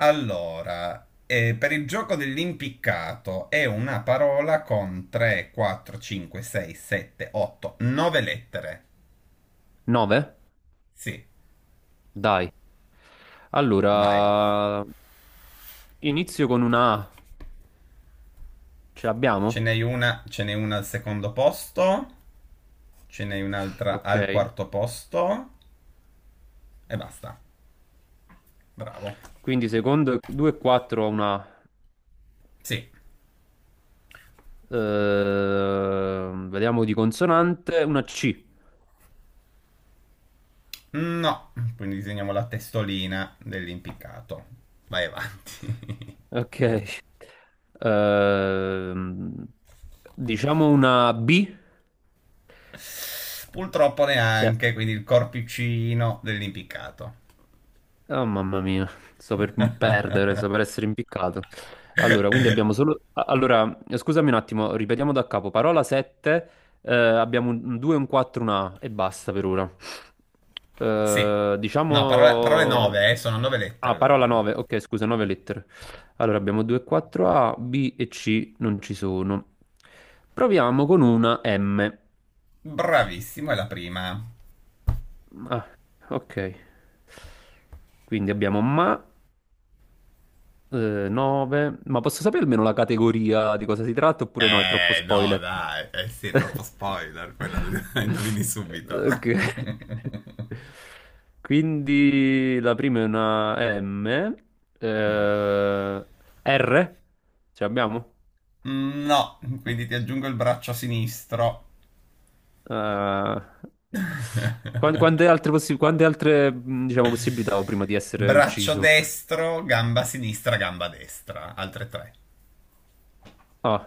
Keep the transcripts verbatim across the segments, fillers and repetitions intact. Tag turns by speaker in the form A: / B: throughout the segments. A: Allora, eh, per il gioco dell'impiccato è una parola con tre, quattro, cinque, sei, sette, otto, nove lettere.
B: nove?
A: Sì,
B: Dai.
A: vai.
B: Allora, inizio con una A. Ce
A: Ce
B: l'abbiamo?
A: n'hai una, ce n'è una al secondo posto, ce n'hai un'altra
B: Ok.
A: al quarto posto e basta. Bravo.
B: Quindi secondo due e quattro ho una A.
A: Sì.
B: Ehm, vediamo di consonante, una C.
A: No, quindi disegniamo la testolina dell'impiccato. Vai avanti.
B: Ok. Ehm, diciamo una B.
A: Purtroppo
B: Sì.
A: neanche, quindi il corpicino dell'impiccato.
B: Oh mamma mia, sto per m- perdere, sto per essere impiccato. Allora, quindi abbiamo solo... a- Allora, scusami un attimo, ripetiamo da capo. Parola sette, abbiamo un due, un quattro, un A e basta per ora.
A: Sì.
B: Eh,
A: No, parole, parole
B: diciamo...
A: nove, eh, sono nove lettere
B: Ah,
A: la
B: parola
A: parola.
B: nove, ok, scusa, nove
A: Sì.
B: lettere. Allora, abbiamo due, quattro, A, B e C non ci sono. Proviamo con una M.
A: Bravissimo, è la prima.
B: Ah, ok. Quindi abbiamo ma. nove, ma posso sapere almeno la categoria di cosa si tratta oppure no? È troppo
A: Eh, no,
B: spoiler.
A: dai, eh sì, è troppo spoiler, quella la indovini subito.
B: Ok. Quindi la prima è una M, eh, R, ce l'abbiamo?
A: No, quindi ti aggiungo il braccio sinistro.
B: Eh, quan- quante altre, possi- quante altre, mh, diciamo, possibilità ho prima di essere
A: Braccio
B: ucciso?
A: destro, gamba sinistra, gamba destra, altre tre.
B: Ah.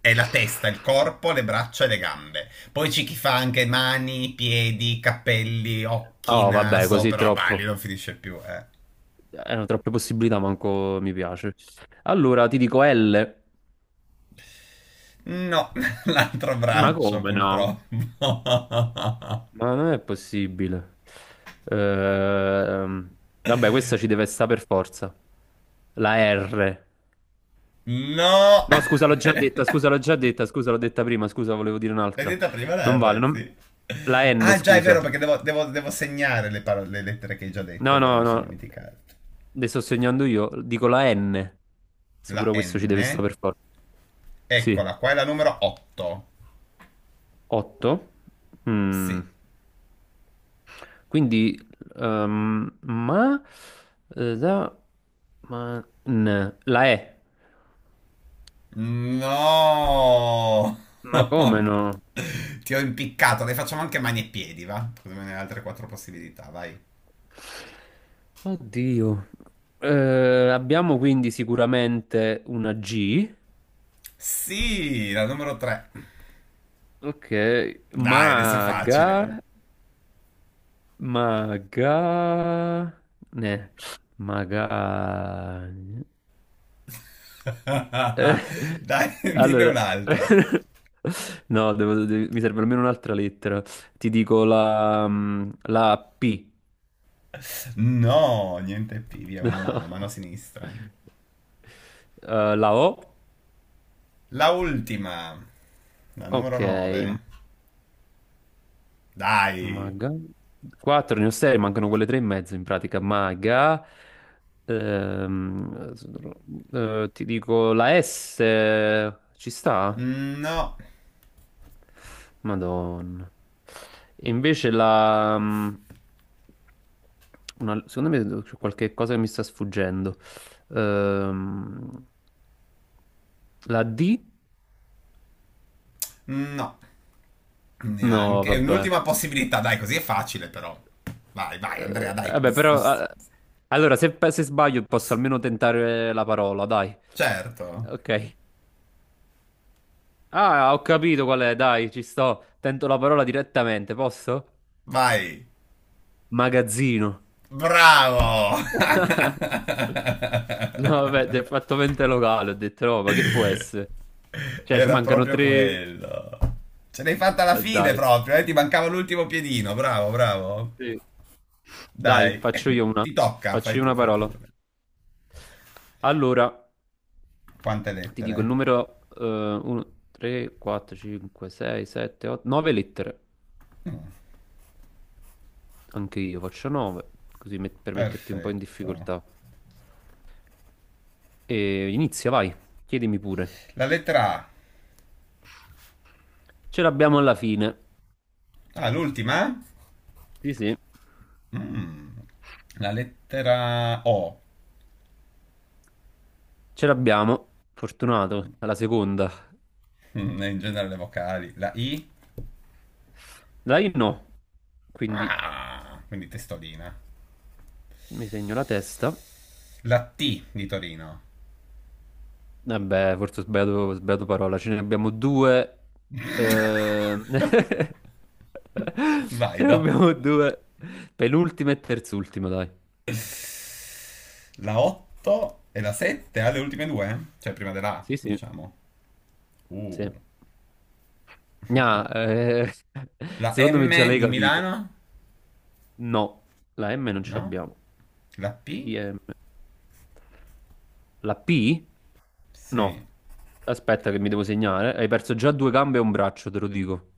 A: È la testa, il corpo, le braccia e le gambe. Poi c'è chi fa anche mani, piedi, capelli, occhi,
B: Oh, vabbè,
A: naso,
B: così
A: però vai, lì
B: troppo.
A: non finisce più, eh.
B: Erano troppe possibilità, manco mi piace. Allora ti dico L.
A: No, l'altro
B: Ma
A: braccio
B: come no?
A: purtroppo.
B: Ma non è possibile. Ehm, vabbè, questa ci deve stare per forza. La R.
A: No.
B: No, scusa, l'ho già
A: L'hai
B: detta, scusa, l'ho già detta, scusa, l'ho detta prima, scusa, volevo dire un'altra.
A: detta prima la
B: Non vale,
A: R,
B: non-
A: sì.
B: la N,
A: Ah, già è vero
B: scusa.
A: perché devo, devo- devo segnare le, parole- le lettere che hai già detto, è
B: No,
A: vero,
B: no,
A: mi sono
B: no.
A: dimenticato.
B: Le sto segnando io, dico la N.
A: La
B: Sicuro questo ci deve
A: N.
B: stare per forza. Sì.
A: Eccola, qua è la numero otto.
B: otto.
A: Sì.
B: Quindi, ehm, ma, eh, da, ma, n, la E,
A: No.
B: ma come no?
A: Ti ho impiccato, le facciamo anche mani e piedi, va? Così me ne hai altre quattro possibilità, vai.
B: Oddio. Eh, abbiamo quindi sicuramente una G,
A: Sì, la numero tre.
B: ok,
A: Dai, adesso è
B: maga,
A: facile.
B: maga, ne, maga. Eh,
A: Dai, dinne
B: allora,
A: un'altra.
B: no, devo- devi- mi serve almeno un'altra lettera. Ti dico la, mm, la P.
A: No, niente più, via, una
B: No.
A: mano, mano sinistra.
B: Eh, la O.
A: La ultima, la
B: Ok,
A: numero nove. Dai.
B: maga. quattro, ne ho sei, mancano quelle tre e mezzo in pratica. Maga. Ehm, eh, ti dico la S. Ci sta?
A: No,
B: Madonna. E invece la... mm, una- secondo me c'è qualche cosa che mi sta sfuggendo. Ehm, la D?
A: no,
B: No,
A: neanche. È
B: vabbè.
A: un'ultima possibilità, dai, così è facile però. Vai, vai, Andrea,
B: Eh,
A: dai.
B: vabbè, però... ah, allora, se, se sbaglio posso almeno tentare la parola, dai.
A: Certo.
B: Ok. Ah, ho capito qual è, dai, ci sto. Tento la parola direttamente, posso?
A: Vai.
B: Magazzino.
A: Bravo.
B: No, vabbè, ti hai fatto mente locale, ho detto no, ma che può essere? Cioè, ci
A: Era
B: mancano
A: proprio
B: tre.
A: quello. Ce l'hai fatta alla
B: Eh,
A: fine
B: dai,
A: proprio, eh? Ti mancava l'ultimo piedino, bravo, bravo.
B: sì. Dai,
A: Dai,
B: faccio io una.
A: ti tocca,
B: Faccio
A: fai
B: io
A: tu,
B: una
A: fai tu.
B: parola. Allora,
A: Quante
B: ti dico il
A: lettere?
B: numero uno, tre, quattro, cinque, sei, sette, otto, nove lettere.
A: Mm,
B: Anche io faccio nove, così met- per metterti un po' in
A: perfetto.
B: difficoltà. E inizia, vai, chiedimi pure.
A: La lettera A.
B: Ce l'abbiamo alla fine.
A: Ah, l'ultima?
B: Sì, sì,
A: Mm. La lettera O.
B: ce l'abbiamo. Fortunato, alla seconda.
A: Mm, in genere le vocali. La I?
B: Dai, no. Quindi
A: Ah, quindi testolina.
B: mi segno la testa.
A: La T di Torino.
B: Eh beh, forse ho sbagliato, ho sbagliato parola, ce ne abbiamo due. ehm,
A: Vai,
B: Ce ne
A: do.
B: abbiamo due. Penultima e terzultima, dai.
A: La otto e la sette alle ultime due? Cioè prima della A,
B: Sì, sì,
A: diciamo.
B: sì.
A: Uh.
B: Gna, eh,
A: La
B: secondo me già
A: M
B: l'hai
A: di
B: capito.
A: Milano?
B: No, la M non ce
A: No?
B: l'abbiamo.
A: La P?
B: I M. La P?
A: Sì.
B: No. Aspetta che mi devo segnare. Hai perso già due gambe e un braccio, te lo dico.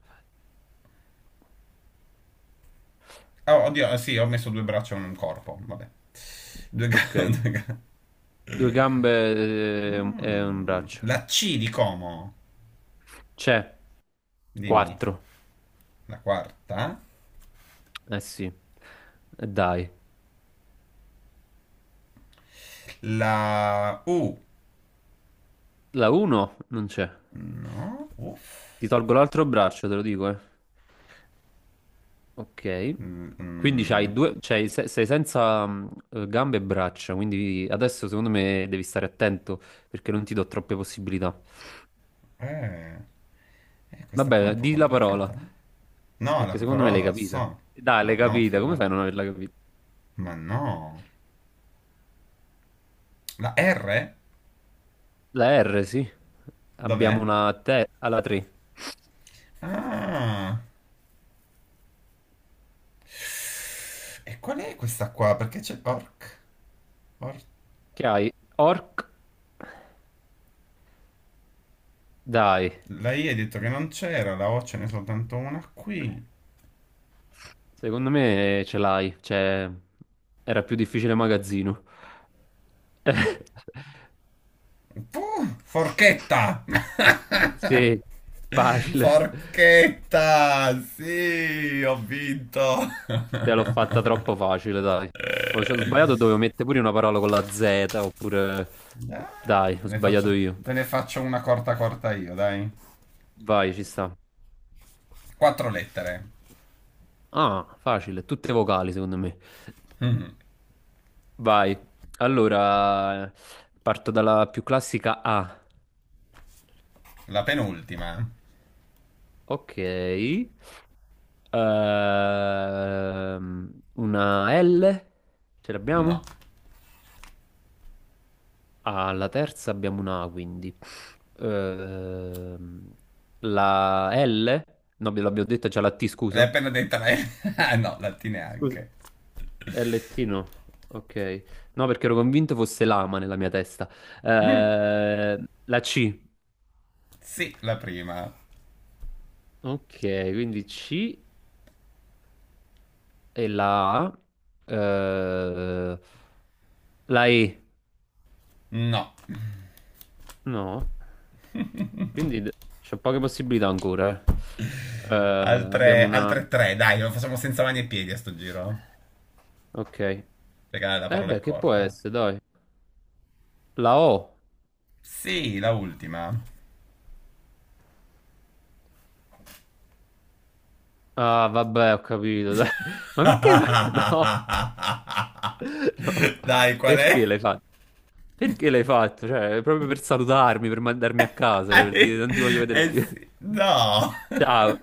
A: Oh, oddio, eh sì, ho messo due braccia e un corpo, vabbè. Due
B: Ok.
A: ga- due ga-
B: Due gambe eh, e un
A: Mm.
B: braccio.
A: La C di Como?
B: C'è.
A: Dimmi.
B: Quattro.
A: La quarta?
B: Eh sì, eh, dai.
A: La U?
B: La uno non c'è.
A: No? Uff.
B: Ti tolgo l'altro braccio, te lo dico, eh. Ok.
A: Mm,
B: Quindi
A: mm.
B: c'hai due, c'hai- se- sei senza mm, eh, gambe e braccia, quindi adesso secondo me devi stare attento perché non ti do troppe possibilità.
A: Eh, eh, questa qua è un
B: Vabbè,
A: po'
B: di la parola,
A: complicata, no? No, la
B: perché secondo me
A: parola
B: l'hai
A: non la
B: capita.
A: so.
B: Dai,
A: Ma
B: l'hai
A: no,
B: capita, come
A: figura.
B: fai a non averla capita?
A: Ma no. La R?
B: La R, sì. Abbiamo
A: Dov'è?
B: una T alla tre.
A: Ah. E qual è questa qua? Perché c'è orc? Or-
B: Che hai? Orc. Dai.
A: la I hai detto che non c'era, la O ce n'è soltanto una qui.
B: Secondo me eh, ce l'hai, cioè era più difficile magazzino.
A: Puh, forchetta!
B: Sì, facile.
A: Forchetta! Sì, ho vinto!
B: Te l'ho fatta troppo facile, dai. Ho, cioè, ho sbagliato, dovevo mettere pure una parola con la Z, oppure...
A: Ah,
B: Dai,
A: Te
B: ho
A: ne faccio,
B: sbagliato io.
A: te ne faccio una corta corta io, dai.
B: Vai, ci sta.
A: Quattro lettere.
B: Ah, facile, tutte vocali secondo me.
A: Mm,
B: Vai. Allora, parto dalla più classica A.
A: La penultima.
B: Ok. Ehm, una L. Ce
A: No.
B: l'abbiamo? Alla terza abbiamo una A, quindi. Ehm, la L? No, ve l'abbiamo detta già la T,
A: L'hai
B: scusa.
A: appena detta lei? Ah, no, la T
B: Scusa.
A: neanche.
B: L T no. Ok. No, perché ero convinto fosse lama nella mia testa. Eh, la C.
A: Sì, la prima.
B: Ok, quindi C e la A. Eh, la E.
A: No.
B: No. Quindi d- c'ho poche possibilità ancora. Eh. Eh,
A: Altre,
B: abbiamo una...
A: altre tre, dai, lo facciamo senza mani e piedi a sto giro.
B: Ok.
A: Perché la la
B: Eh
A: parola è
B: beh, che può
A: corta.
B: essere, dai. La O.
A: Sì, la ultima.
B: Ah, vabbè, ho capito. Dai. Ma perché? No, no.
A: Dai, qual
B: Perché
A: è?
B: l'hai fatto? Perché l'hai fatto? Cioè, proprio per salutarmi, per mandarmi a casa, cioè, per dire
A: Eh,
B: non ti voglio vedere
A: eh
B: più.
A: sì, no.
B: Ciao.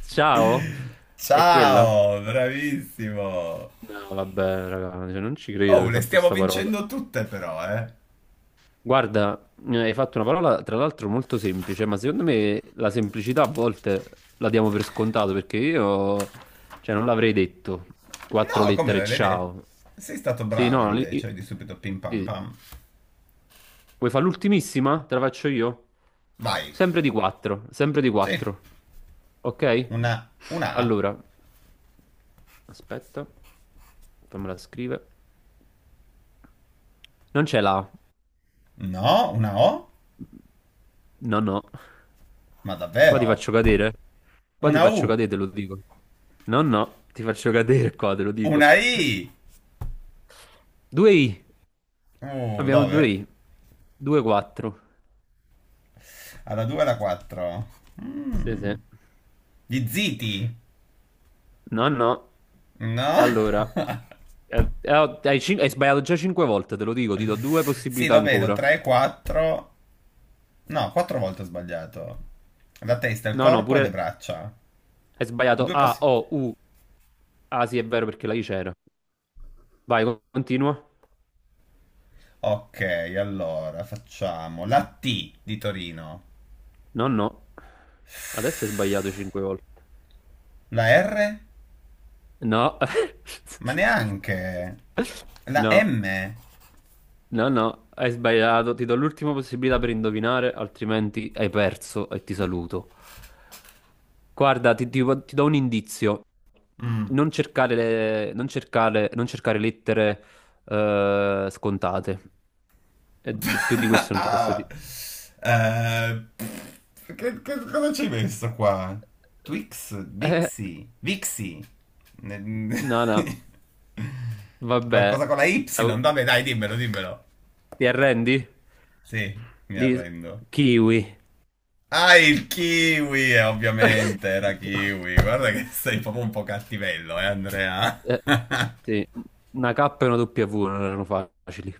B: Ciao? È quella?
A: Ciao, bravissimo.
B: No, vabbè, raga, cioè, non ci credo che
A: Oh,
B: hai
A: le
B: fatto
A: stiamo
B: sta parola.
A: vincendo tutte però, eh.
B: Guarda, eh, hai fatto una parola tra l'altro molto semplice, ma secondo me la semplicità a volte la diamo per scontato perché io, cioè, non l'avrei detto. Quattro
A: No, come
B: lettere,
A: me l'hai detto?
B: ciao.
A: Sei stato
B: Sì,
A: bravo
B: no, li-
A: invece,
B: i-
A: di subito pim pam
B: sì.
A: pam.
B: Vuoi fare l'ultimissima? Te la faccio io?
A: Vai.
B: Sempre di quattro, sempre di
A: Sì,
B: quattro. Ok?
A: una, una A.
B: Allora, aspetta, fammela scrivere. Non c'è la. A.
A: No, una O?
B: No, no.
A: Ma
B: Qua ti
A: davvero?
B: faccio cadere. Qua ti
A: Una
B: faccio
A: U.
B: cadere, te lo dico. No, no, ti faccio cadere qua, te lo dico.
A: Una I.
B: due i.
A: Uh,
B: Abbiamo
A: dove?
B: due i. due quattro.
A: Alla due e alla quattro.
B: Sì,
A: Mm.
B: sì.
A: Gli ziti.
B: No, no.
A: No?
B: Allora, eh, eh, oh, hai, cin- hai sbagliato già cinque volte, te lo dico, ti do due
A: Sì,
B: possibilità
A: lo vedo.
B: ancora.
A: tre, quattro. No, quattro volte ho sbagliato. La testa, il
B: No, no,
A: corpo e le
B: pure
A: braccia.
B: hai sbagliato
A: Due
B: A,
A: possi-
B: O, U. Ah, sì, è vero perché la I c'era. Vai, co- continua.
A: Ok, allora facciamo la T di Torino,
B: No, no. Adesso hai sbagliato cinque volte.
A: la R?
B: No.
A: Ma neanche. La
B: No,
A: M?
B: no, no, hai sbagliato. Ti do l'ultima possibilità per indovinare, altrimenti hai perso e ti saluto. Guarda, ti, ti- ti do un indizio.
A: Mm.
B: Non cercare, le- non cercare, non cercare lettere eh, scontate. E d- più di questo non ti posso
A: Ah,
B: dire.
A: eh, pff, che, che- cosa ci hai messo qua? Twix?
B: Eh,
A: Bixi? Vixi? Ne-
B: no, no, vabbè.
A: Qualcosa con la Y? Vabbè, dai, dimmelo, dimmelo.
B: Ti arrendi?
A: Sì, mi
B: Di
A: arrendo.
B: kiwi.
A: Ah, il kiwi, eh, ovviamente, era kiwi. Guarda che sei proprio un po' cattivello, eh, Andrea.
B: Eh, sì, una K e una W non erano facili.